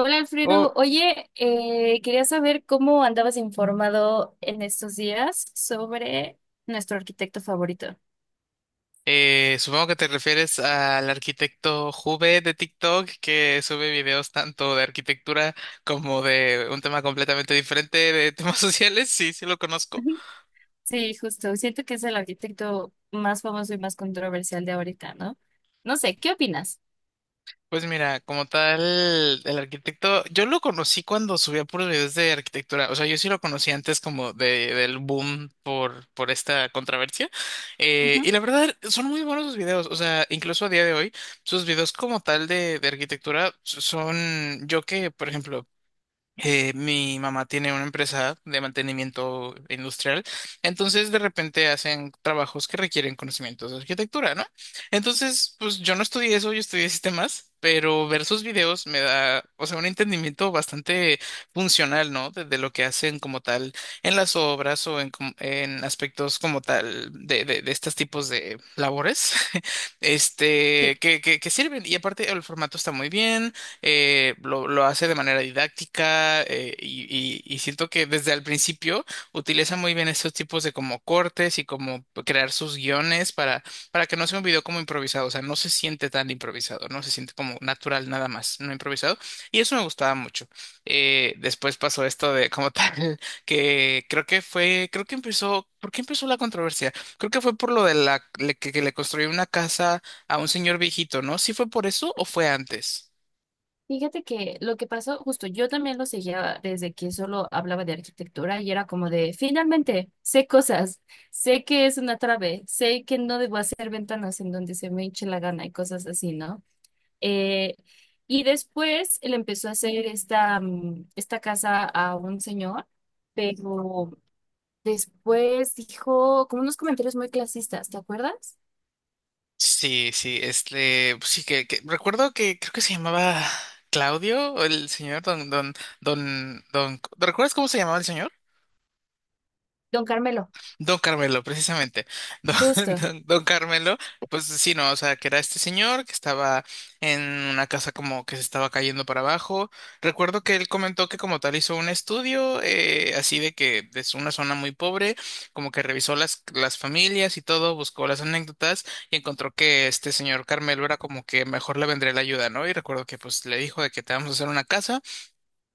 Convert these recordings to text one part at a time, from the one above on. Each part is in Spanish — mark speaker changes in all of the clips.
Speaker 1: Hola
Speaker 2: Oh,
Speaker 1: Alfredo, oye, quería saber cómo andabas informado en estos días sobre nuestro arquitecto favorito.
Speaker 2: supongo que te refieres al arquitecto Jube de TikTok que sube videos tanto de arquitectura como de un tema completamente diferente de temas sociales. Sí, sí lo conozco.
Speaker 1: Ujú. Sí, justo, siento que es el arquitecto más famoso y más controversial de ahorita, ¿no? No sé, ¿qué opinas?
Speaker 2: Pues mira, como tal, el arquitecto, yo lo conocí cuando subía puros videos de arquitectura. O sea, yo sí lo conocí antes como del boom por esta controversia.
Speaker 1: Ujú.
Speaker 2: Y la verdad, son muy buenos sus videos. O sea, incluso a día de hoy. Sus videos como tal de arquitectura son, yo que, por ejemplo, mi mamá tiene una empresa de mantenimiento industrial, entonces de repente hacen trabajos que requieren conocimientos de arquitectura, ¿no? Entonces, pues yo no estudié eso, yo estudié sistemas, pero ver sus videos me da, o sea, un entendimiento bastante funcional, ¿no? De lo que hacen como tal en las obras o en, en aspectos como tal de estos tipos de labores, este,
Speaker 1: Sí.
Speaker 2: que sirven. Y aparte el formato está muy bien lo hace de manera didáctica y siento que desde el principio utiliza muy bien estos tipos de como cortes y como crear sus guiones para que no sea un video como improvisado, o sea, no se siente tan improvisado, no se siente como natural nada más, no improvisado. Y eso me gustaba mucho. Después pasó esto de como tal, que creo que fue, creo que empezó, ¿por qué empezó la controversia? Creo que fue por lo de que le construyó una casa a un señor viejito, ¿no? ¿Sí fue por eso o fue antes?
Speaker 1: Fíjate que lo que pasó, justo yo también lo seguía desde que solo hablaba de arquitectura y era como de, finalmente, sé cosas, sé que es una trave, sé que no debo hacer ventanas en donde se me hinche la gana y cosas así, ¿no? Eh, y después él empezó a hacer esta, esta casa a un señor, pero después dijo como unos comentarios muy clasistas, ¿te acuerdas?
Speaker 2: Sí, sí, este, pues sí que, recuerdo que creo que se llamaba Claudio, el señor don, ¿recuerdas cómo se llamaba el señor?
Speaker 1: Don Carmelo,
Speaker 2: Don Carmelo, precisamente. Don,
Speaker 1: justo.
Speaker 2: don Carmelo, pues sí, no, o sea, que era este señor que estaba en una casa como que se estaba cayendo para abajo. Recuerdo que él comentó que como tal hizo un estudio, así de que es una zona muy pobre, como que revisó las familias y todo, buscó las anécdotas y encontró que este señor Carmelo era como que mejor le vendría la ayuda, ¿no? Y recuerdo que pues le dijo de que te vamos a hacer una casa.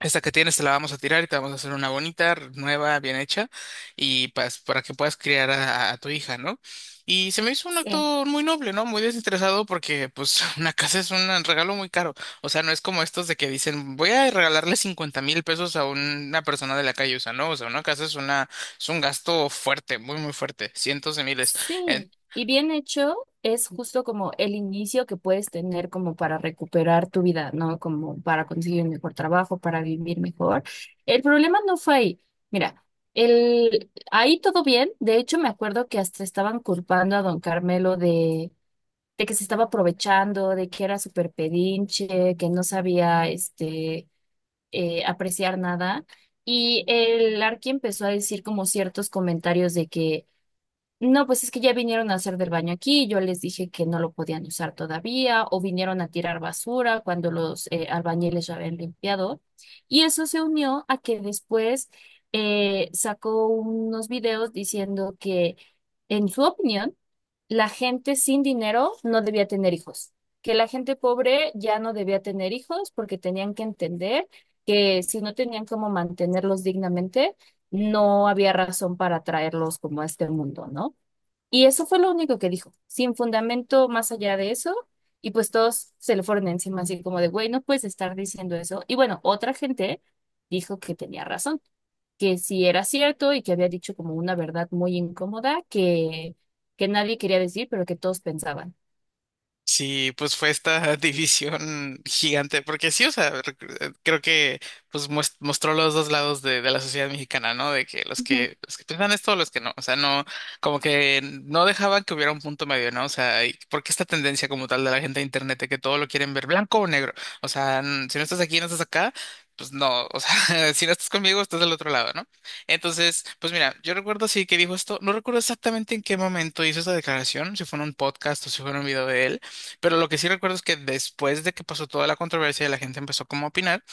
Speaker 2: Esta que tienes te la vamos a tirar y te vamos a hacer una bonita, nueva, bien hecha, y pues para que puedas criar a tu hija, ¿no? Y se me hizo un
Speaker 1: Sí.
Speaker 2: acto muy noble, ¿no? Muy desinteresado porque pues una casa es un regalo muy caro. O sea, no es como estos de que dicen, voy a regalarle 50,000 pesos a una persona de la calle, o sea, no, o sea, una casa es una, es un gasto fuerte, muy, muy fuerte, cientos de miles.
Speaker 1: Sí, y bien hecho es justo como el inicio que puedes tener como para recuperar tu vida, ¿no? Como para conseguir un mejor trabajo, para vivir mejor. El problema no fue ahí. Mira, ahí todo bien. De hecho, me acuerdo que hasta estaban culpando a don Carmelo de que se estaba aprovechando, de que era súper pedinche, que no sabía, este, apreciar nada. Y el Arqui empezó a decir como ciertos comentarios de que no, pues es que ya vinieron a hacer del baño aquí, yo les dije que no lo podían usar todavía, o vinieron a tirar basura cuando los albañiles ya habían limpiado. Y eso se unió a que después sacó unos videos diciendo que, en su opinión, la gente sin dinero no debía tener hijos, que la gente pobre ya no debía tener hijos porque tenían que entender que si no tenían cómo mantenerlos dignamente, no había razón para traerlos como a este mundo, ¿no? Y eso fue lo único que dijo, sin fundamento más allá de eso. Y pues todos se le fueron encima, así como de, güey, no puedes estar diciendo eso. Y bueno, otra gente dijo que tenía razón, que sí era cierto y que había dicho como una verdad muy incómoda que nadie quería decir, pero que todos pensaban.
Speaker 2: Sí, pues fue esta división gigante, porque sí, o sea, creo que pues mostró los dos lados de la sociedad mexicana, ¿no? De que
Speaker 1: Ujú,
Speaker 2: los que piensan esto, los que no, o sea, no, como que no dejaban que hubiera un punto medio, ¿no? O sea, y porque esta tendencia como tal de la gente de internet de que todo lo quieren ver blanco o negro, o sea, si no estás aquí, no estás acá, pues no, o sea, si no estás conmigo, estás del otro lado, ¿no? Entonces, pues mira, yo recuerdo sí que dijo esto, no recuerdo exactamente en qué momento hizo esa declaración, si fue en un podcast o si fue en un video de él, pero lo que sí recuerdo es que después de que pasó toda la controversia y la gente empezó como a opinar,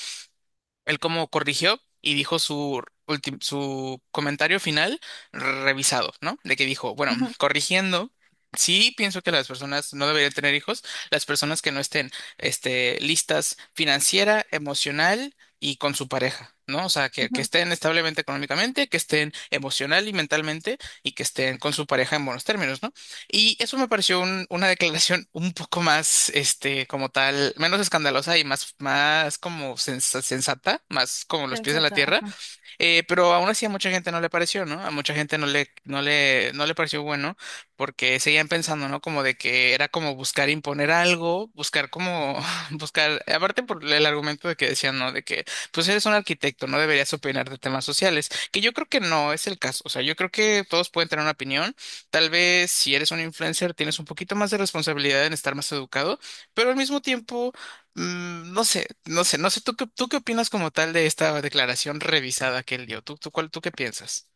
Speaker 2: él como corrigió y dijo su comentario final revisado, ¿no? De que dijo, bueno,
Speaker 1: ujú,
Speaker 2: corrigiendo, sí pienso que las personas no deberían tener hijos, las personas que no estén este, listas financiera, emocional y con su pareja, ¿no? O sea, que
Speaker 1: ujú,
Speaker 2: estén establemente económicamente, que estén emocional y mentalmente y que estén con su pareja en buenos términos, ¿no? Y eso me pareció una declaración un poco más, este, como tal, menos escandalosa y más, más como sensata, más como los pies en la
Speaker 1: Sensata.
Speaker 2: tierra.
Speaker 1: Ajá.
Speaker 2: Pero aún así a mucha gente no le pareció, ¿no? A mucha gente no le pareció bueno porque seguían pensando, ¿no? Como de que era como buscar imponer algo, buscar como, buscar, aparte por el argumento de que decían, ¿no? De que, pues eres un arquitecto, no deberías opinar de temas sociales, que yo creo que no es el caso, o sea, yo creo que todos pueden tener una opinión, tal vez si eres un influencer tienes un poquito más de responsabilidad en estar más educado, pero al mismo tiempo no sé, no sé, no sé. Tú qué opinas como tal de esta declaración revisada que él dio? ¿Tú, tú, cuál, tú qué piensas?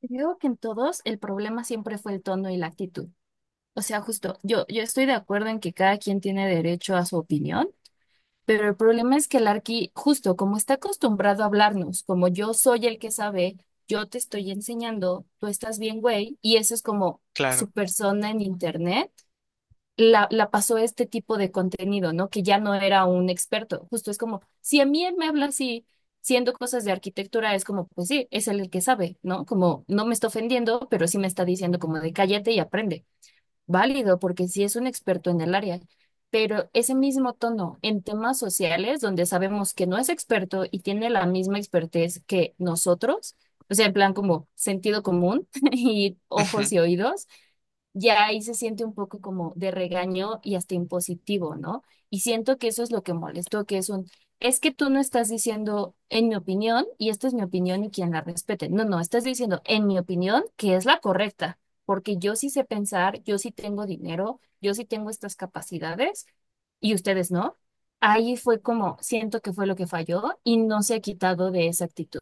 Speaker 1: Creo que en todos el problema siempre fue el tono y la actitud. O sea, justo, yo estoy de acuerdo en que cada quien tiene derecho a su opinión. Pero el problema es que el Arqui, justo como está acostumbrado a hablarnos, como yo soy el que sabe, yo te estoy enseñando, tú estás bien, güey, y eso es como
Speaker 2: Claro.
Speaker 1: su persona en internet, la pasó a este tipo de contenido, ¿no? Que ya no era un experto. Justo es como, si a mí él me habla así, siendo cosas de arquitectura, es como, pues sí, es él el que sabe, ¿no? Como no me está ofendiendo, pero sí me está diciendo como de cállate y aprende, válido porque sí es un experto en el área, pero ese mismo tono en temas sociales, donde sabemos que no es experto y tiene la misma expertez que nosotros, o sea, en plan como sentido común y ojos y oídos, ya ahí se siente un poco como de regaño y hasta impositivo, ¿no? Y siento que eso es lo que molestó, que es un, es que tú no estás diciendo en mi opinión y esta es mi opinión y quien la respete. No, no, estás diciendo en mi opinión que es la correcta, porque yo sí sé pensar, yo sí tengo dinero, yo sí tengo estas capacidades y ustedes no. Ahí fue como, siento que fue lo que falló y no se ha quitado de esa actitud.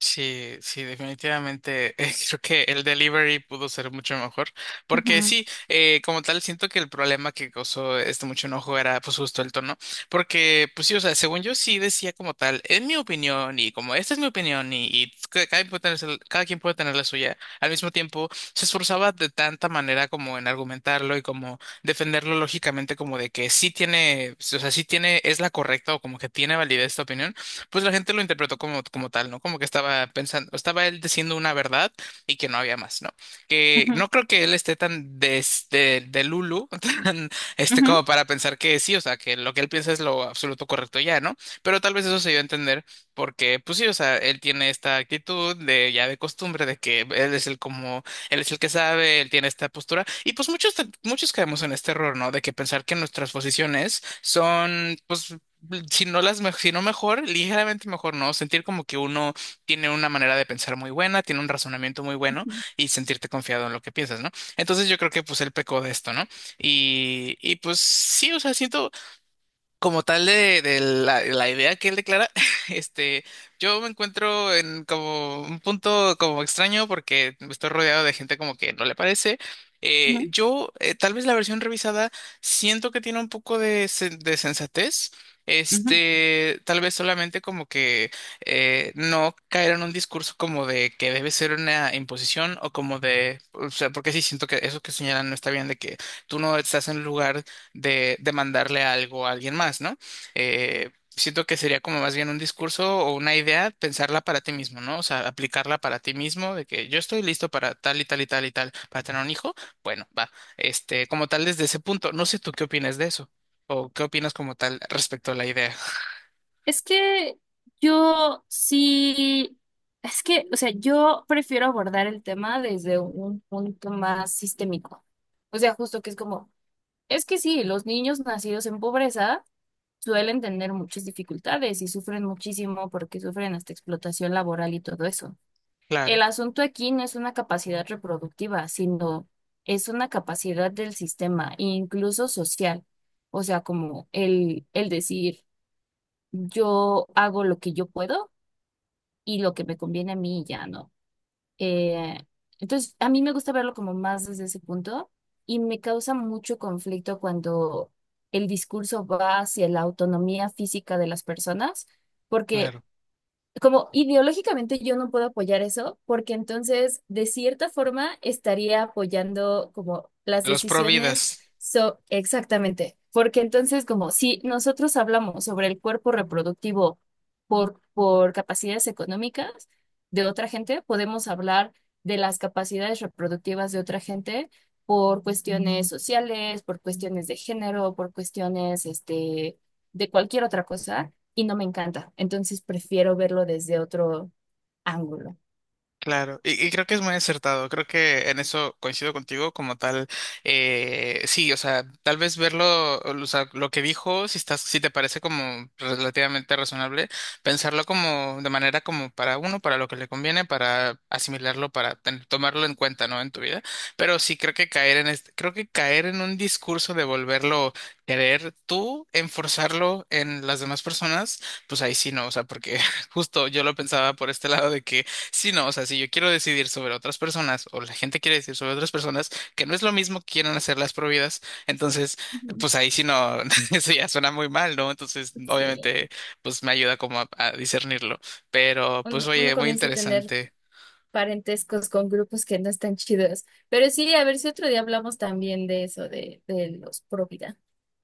Speaker 2: Sí, sí, definitivamente. Creo que el delivery pudo ser mucho mejor. Porque
Speaker 1: Ujú,
Speaker 2: sí, como tal, siento que el problema que causó este mucho enojo era pues justo el tono. Porque, pues sí, o sea, según yo sí decía como tal, en mi opinión, y como esta es mi opinión, cada, quien puede tener, cada quien puede tener la suya, al mismo tiempo se esforzaba de tanta manera como en argumentarlo y como defenderlo lógicamente como de que sí tiene, o sea, sí tiene, es la correcta o como que tiene validez esta opinión, pues la gente lo interpretó como, como tal, ¿no? Como que estaba pensando, estaba él diciendo una verdad y que no había más, ¿no? Que
Speaker 1: ujú,
Speaker 2: no creo que él esté tan de Lulu, tan, este,
Speaker 1: ujú.
Speaker 2: como para pensar que sí, o sea, que lo que él piensa es lo absoluto correcto ya, ¿no? Pero tal vez eso se dio a entender porque, pues sí, o sea, él tiene esta actitud de ya de costumbre de que él es el como, él es el que sabe, él tiene esta postura y pues muchos caemos en este error, ¿no? De que pensar que nuestras posiciones son, pues, si no si no mejor, ligeramente mejor, ¿no? Sentir como que uno tiene una manera de pensar muy buena, tiene un razonamiento muy bueno y sentirte confiado en lo que piensas, ¿no? Entonces yo creo que pues él pecó de esto, ¿no? Y pues sí, o sea, siento, como tal la idea que él declara, este, yo me encuentro en como un punto como extraño porque estoy rodeado de gente como que no le parece. Tal vez la versión revisada, siento que tiene un poco de sensatez. Este, tal vez solamente como que no caer en un discurso como de que debe ser una imposición o como de, o sea, porque sí siento que eso que señalan no está bien, de que tú no estás en un lugar de mandarle algo a alguien más, ¿no? Siento que sería como más bien un discurso o una idea, pensarla para ti mismo, ¿no? O sea, aplicarla para ti mismo, de que yo estoy listo para tal y tal y tal y tal, para tener un hijo, bueno, va, este, como tal desde ese punto, no sé tú qué opinas de eso, o qué opinas como tal respecto a la idea.
Speaker 1: Es que yo sí, es que, o sea, yo prefiero abordar el tema desde un punto más sistémico. O sea, justo que es como, es que sí, los niños nacidos en pobreza suelen tener muchas dificultades y sufren muchísimo porque sufren hasta explotación laboral y todo eso. El
Speaker 2: Claro,
Speaker 1: asunto aquí no es una capacidad reproductiva, sino es una capacidad del sistema, incluso social. O sea, como el decir yo hago lo que yo puedo y lo que me conviene a mí ya no. Eh, entonces, a mí me gusta verlo como más desde ese punto y me causa mucho conflicto cuando el discurso va hacia la autonomía física de las personas, porque
Speaker 2: claro.
Speaker 1: como ideológicamente yo no puedo apoyar eso, porque entonces de cierta forma estaría apoyando como las
Speaker 2: Los
Speaker 1: decisiones,
Speaker 2: providas.
Speaker 1: so exactamente, porque entonces como si nosotros hablamos sobre el cuerpo reproductivo por capacidades económicas de otra gente, podemos hablar de las capacidades reproductivas de otra gente por cuestiones sociales, por cuestiones de género, por cuestiones este, de cualquier otra cosa y no me encanta. Entonces prefiero verlo desde otro ángulo.
Speaker 2: Claro, y creo que es muy acertado, creo que en eso coincido contigo como tal, sí, o sea, tal vez verlo, o sea, lo que dijo, si estás, si te parece como relativamente razonable, pensarlo como de manera como para uno, para lo que le conviene, para asimilarlo, para tomarlo en cuenta, ¿no? En tu vida, pero sí creo que caer en este, creo que caer en un discurso de volverlo querer tú, enforzarlo en las demás personas, pues ahí sí no, o sea, porque justo yo lo pensaba por este lado de que sí, no, o sea, si yo quiero decidir sobre otras personas o la gente quiere decidir sobre otras personas, que no es lo mismo que quieran hacer las prohibidas, entonces,
Speaker 1: Ujú.
Speaker 2: pues ahí sí no, eso ya suena muy mal, ¿no? Entonces, obviamente,
Speaker 1: Sí,
Speaker 2: pues me ayuda como a discernirlo, pero pues
Speaker 1: uno
Speaker 2: oye, muy
Speaker 1: comienza a tener
Speaker 2: interesante.
Speaker 1: parentescos con grupos que no están chidos. Pero sí, a ver si otro día hablamos también de eso, de los pro vida.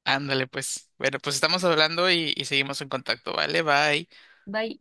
Speaker 2: Ándale, pues. Bueno, pues estamos hablando y seguimos en contacto, ¿vale? Bye.
Speaker 1: Bye.